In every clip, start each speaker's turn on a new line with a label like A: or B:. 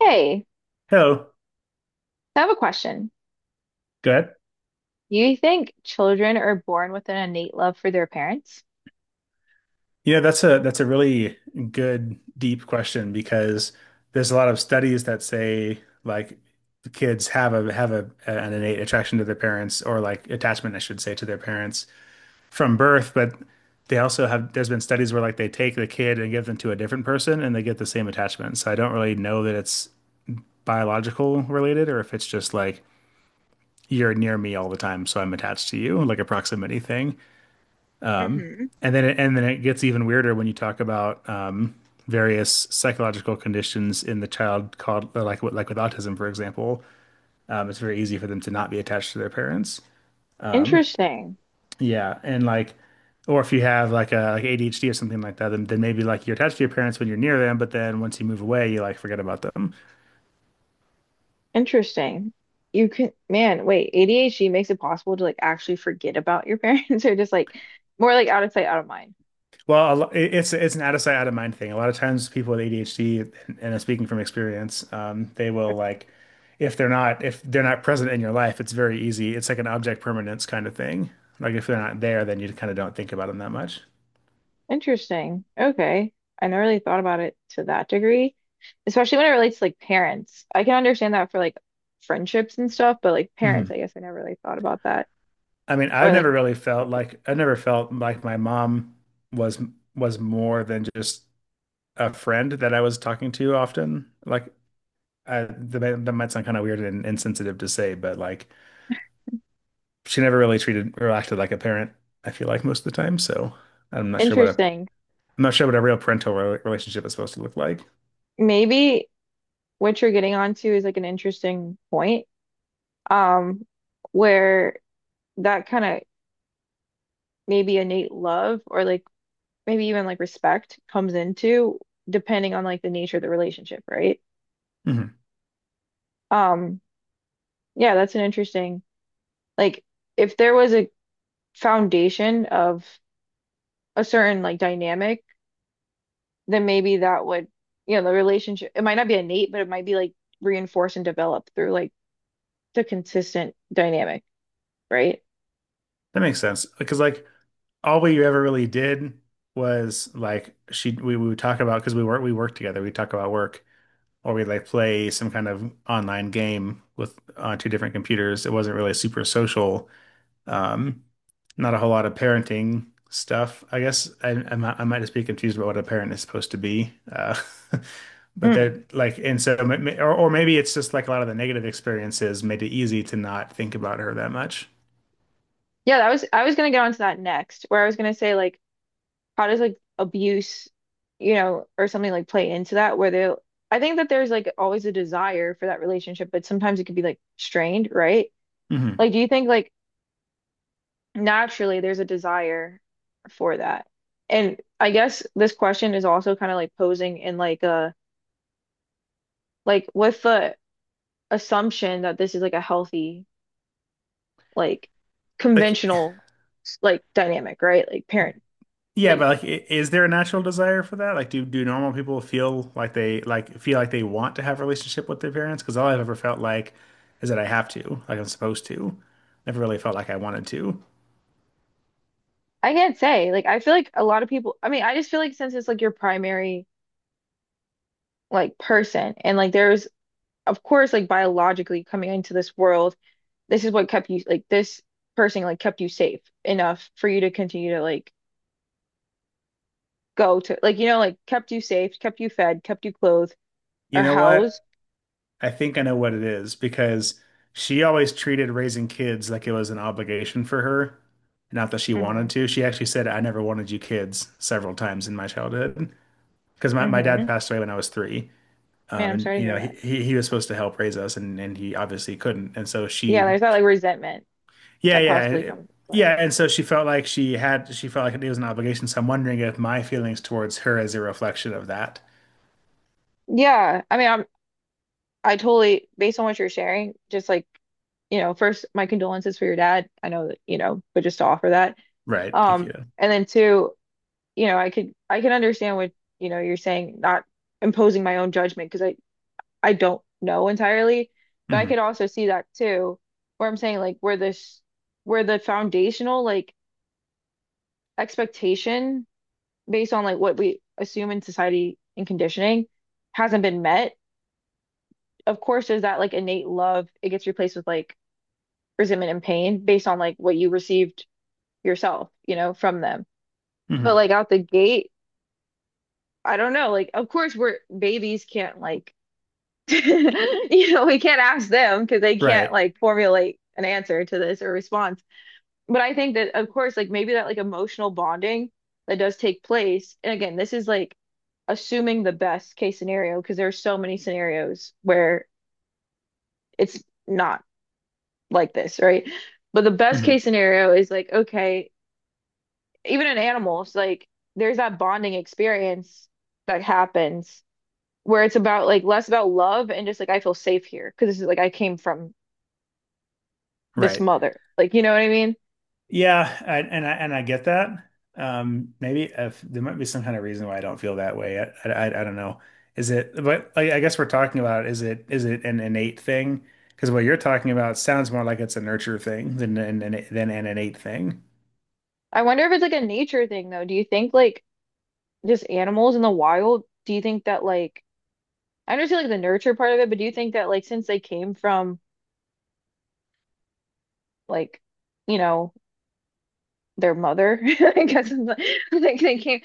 A: Hey,
B: Hello.
A: I have a question.
B: Go ahead.
A: Do you think children are born with an innate love for their parents?
B: That's a really good deep question because there's a lot of studies that say like the kids have a an innate attraction to their parents or like attachment, I should say, to their parents from birth, but they also have there's been studies where like they take the kid and give them to a different person and they get the same attachment. So I don't really know that it's biological related or if it's just like you're near me all the time, so I'm attached to you, like a proximity thing. And then it gets even weirder when you talk about various psychological conditions in the child called like with autism, for example. It's very easy for them to not be attached to their parents.
A: Interesting.
B: Yeah, and or if you have like ADHD or something like that, then maybe like you're attached to your parents when you're near them, but then once you move away, you like forget about them.
A: Interesting. You can, man, wait, ADHD makes it possible to like actually forget about your parents or just like more like out of sight, out of mind.
B: Well, it's an out of sight, out of mind thing. A lot of times, people with ADHD, and I'm speaking from experience, they will
A: Okay.
B: if they're not present in your life, it's very easy. It's like an object permanence kind of thing. Like if they're not there, then you kind of don't think about them that much.
A: Interesting. Okay. I never really thought about it to that degree, especially when it relates to like parents. I can understand that for like friendships and stuff, but like parents, I
B: Mhm.
A: guess I never really thought about that.
B: I mean,
A: Or
B: I've
A: like
B: never really felt like I never felt like my mom was was more than just a friend that I was talking to often. Like that might sound kind of weird and insensitive to say, but like, she never really treated or acted like a parent, I feel like most of the time. So I'm not sure what a
A: interesting.
B: I'm not sure what a real relationship is supposed to look like.
A: Maybe what you're getting onto is like an interesting point, um, where that kind of maybe innate love or like maybe even like respect comes into depending on like the nature of the relationship, right?
B: Hmm.
A: Um, yeah, that's an interesting like if there was a foundation of a certain like dynamic, then maybe that would, you know, the relationship it might not be innate, but it might be like reinforced and developed through like the consistent dynamic, right?
B: That makes sense because like all we ever really did was like we would talk about because we worked together. We talk about work or we like play some kind of online game with on two different computers. It wasn't really super social. Um, Not a whole lot of parenting stuff. I guess I might just be confused about what a parent is supposed to be. But
A: Mm.
B: they're and so, or maybe it's just like a lot of the negative experiences made it easy to not think about her that much.
A: Yeah, that was I was gonna get onto that next, where I was gonna say like how does like abuse, you know, or something like play into that where they I think that there's like always a desire for that relationship, but sometimes it could be like strained, right?
B: Hmm.
A: Like do you think like naturally there's a desire for that? And I guess this question is also kind of like posing in like a like with the assumption that this is like a healthy, like
B: Like,
A: conventional like dynamic, right? Like parent.
B: yeah, but
A: Like.
B: I- is there a natural desire for that? Like, do normal people feel like they want to have a relationship with their parents? Because all I've ever felt like is that I have to, like I'm supposed to. Never really felt like I wanted to.
A: I can't say. Like, I feel like a lot of people, I mean, I just feel like since it's like your primary like person and like there's of course like biologically coming into this world, this is what kept you like this person like kept you safe enough for you to continue to like go to like you know like kept you safe, kept you fed, kept you clothed
B: You
A: or
B: know what?
A: housed.
B: I think I know what it is because she always treated raising kids like it was an obligation for her, not that she
A: Mm-hmm.
B: wanted to. She actually said, I never wanted you kids several times in my childhood because my
A: Mm-hmm.
B: dad passed away when I was three.
A: Man, I'm
B: And
A: sorry to
B: you
A: hear
B: know,
A: that.
B: he was supposed to help raise us and he obviously couldn't. And so
A: Yeah,
B: she,
A: there's that like resentment
B: yeah,
A: that possibly comes into play.
B: yeah, and so she felt like it was an obligation. So I'm wondering if my feelings towards her is a reflection of that.
A: Yeah, I mean, I totally based on what you're sharing, just like you know, first, my condolences for your dad. I know that, you know, but just to offer that.
B: Right. Thank
A: Um,
B: you.
A: and then two, you know, I can understand what, you know, you're saying, not imposing my own judgment because I don't know entirely, but I could
B: Hmm.
A: also see that too, where I'm saying like where the foundational like expectation based on like what we assume in society and conditioning hasn't been met. Of course, there's that like innate love. It gets replaced with like resentment and pain based on like what you received yourself, you know, from them. But
B: Hmm.
A: like out the gate, I don't know. Like, of course, we're babies can't like, you know, we can't ask them because they can't
B: Right.
A: like formulate an answer to this or response. But I think that, of course, like maybe that like emotional bonding that does take place. And again, this is like assuming the best case scenario because there are so many scenarios where it's not like this, right? But the best
B: Hmm.
A: case scenario is like, okay, even in animals, like there's that bonding experience that happens where it's about like less about love and just like I feel safe here because this is like I came from this
B: Right.
A: mother. Like, you know what I mean?
B: Yeah, I, and I and I get that. Maybe if there might be some kind of reason why I don't feel that way. I don't know. Is it? But I guess we're talking about is it an innate thing? Because what you're talking about sounds more like it's a nurture thing than an innate thing.
A: I wonder if it's like a nature thing though. Do you think like just animals in the wild, do you think that like I understand like the nurture part of it, but do you think that like since they came from like, you know, their mother, I guess it's like they came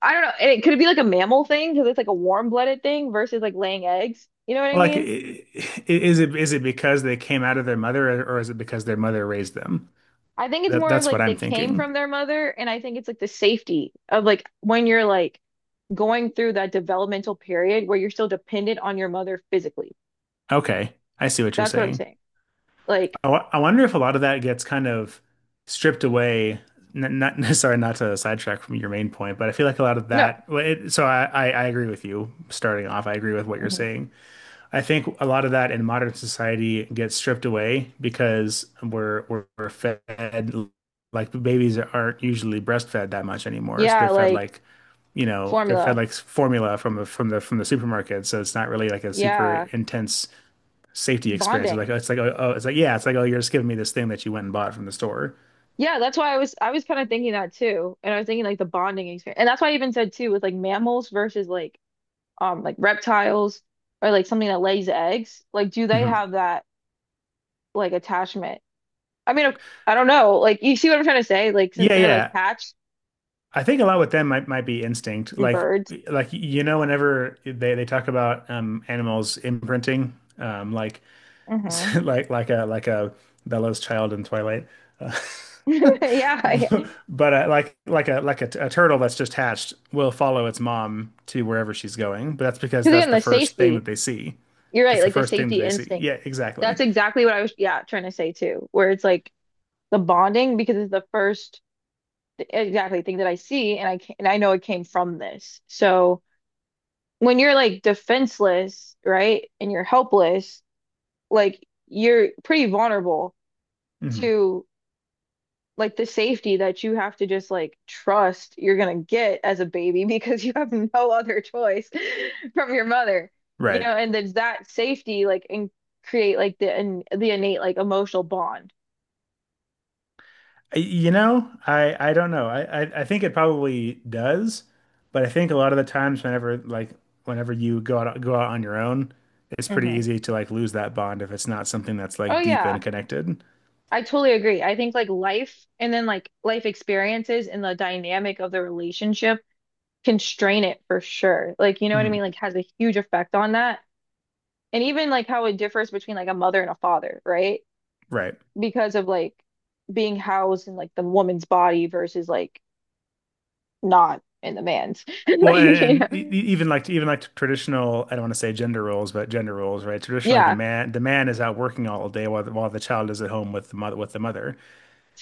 A: I don't know. And it be like a mammal thing because it's like a warm-blooded thing versus like laying eggs. You know what I
B: Like,
A: mean?
B: is it because they came out of their mother, or is it because their mother raised them?
A: I think it's
B: That
A: more of
B: that's what
A: like
B: I'm
A: they came
B: thinking.
A: from their mother, and I think it's like the safety of like when you're like going through that developmental period where you're still dependent on your mother physically.
B: Okay, I see what you're
A: That's what I'm
B: saying.
A: saying. Like,
B: I wonder if a lot of that gets kind of stripped away. N not Sorry, not to sidetrack from your main point, but I feel like a lot of
A: no.
B: that. I agree with you. Starting off, I agree with what you're
A: Mhm.
B: saying. I think a lot of that in modern society gets stripped away because we're fed like babies aren't usually breastfed that much anymore. So they're
A: Yeah,
B: fed
A: like
B: like you know they're fed
A: formula.
B: like formula from the supermarket. So it's not really like a super
A: Yeah,
B: intense safety experiences. Like
A: bonding.
B: it's like oh, oh it's like yeah, it's like oh you're just giving me this thing that you went and bought from the store.
A: Yeah, that's why I was kind of thinking that too. And I was thinking like the bonding experience. And that's why I even said too with like mammals versus like reptiles or like something that lays eggs, like do they
B: Hmm.
A: have that like attachment? I mean, I don't know. Like, you see what I'm trying to say? Like, since
B: Yeah,
A: they're like
B: yeah.
A: hatched
B: I think a lot with them might be instinct.
A: and birds,
B: Like you know whenever they talk about animals imprinting like
A: hmm
B: like like a Bella's child in Twilight. Uh,
A: yeah, yeah.
B: But a turtle that's just hatched will follow its mom to wherever she's going, but that's because
A: Because
B: that's
A: again,
B: the
A: the
B: first thing
A: safety.
B: that they see.
A: You're right.
B: That's the
A: Like the
B: first thing that
A: safety
B: they see.
A: instinct.
B: Yeah, exactly.
A: That's exactly what I was, yeah, trying to say too. Where it's like the bonding because it's the first exactly thing that I see, and I know it came from this. So when you're like defenseless, right, and you're helpless, like you're pretty vulnerable
B: Mhm.
A: to like the safety that you have to just like trust you're gonna get as a baby because you have no other choice from your mother, you
B: Right.
A: know, and there's that safety like and create like the innate like emotional bond.
B: You know, I don't know. I think it probably does, but I think a lot of the times whenever like whenever you go out on your own, it's pretty
A: Hmm.
B: easy to like lose that bond if it's not something that's
A: Oh
B: like deep and
A: yeah,
B: connected.
A: I totally agree. I think like life experiences and the dynamic of the relationship constrain it for sure. Like you know what I mean?
B: Mhm.
A: Like has a huge effect on that. And even like how it differs between like a mother and a father, right?
B: Right.
A: Because of like being housed in like the woman's body versus like not in the man's. Like,
B: Well,
A: you know.
B: even like traditional, I don't want to say gender roles, but gender roles, right? Traditionally,
A: Yeah,
B: the man is out working all day while while the child is at home with the mother with the mother.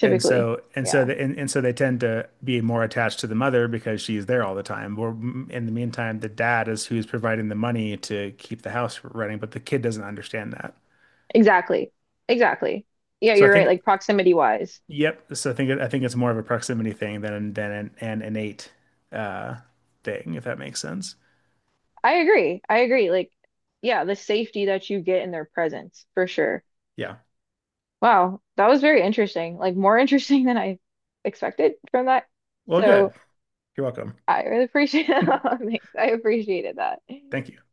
B: And so
A: Yeah.
B: and so they tend to be more attached to the mother because she's there all the time. Or in the meantime, the dad is who's providing the money to keep the house running, but the kid doesn't understand that.
A: Exactly. Exactly. Yeah,
B: So I
A: you're right.
B: think
A: Like proximity wise.
B: yep. So I think it's more of a proximity thing than an innate uh, thing, if that makes sense.
A: I agree. I agree. Like, yeah, the safety that you get in their presence for sure.
B: Yeah.
A: Wow, that was very interesting. Like more interesting than I expected from that.
B: Well, good.
A: So
B: You're welcome.
A: I really appreciate that. Thanks. I appreciated that.
B: Thank you.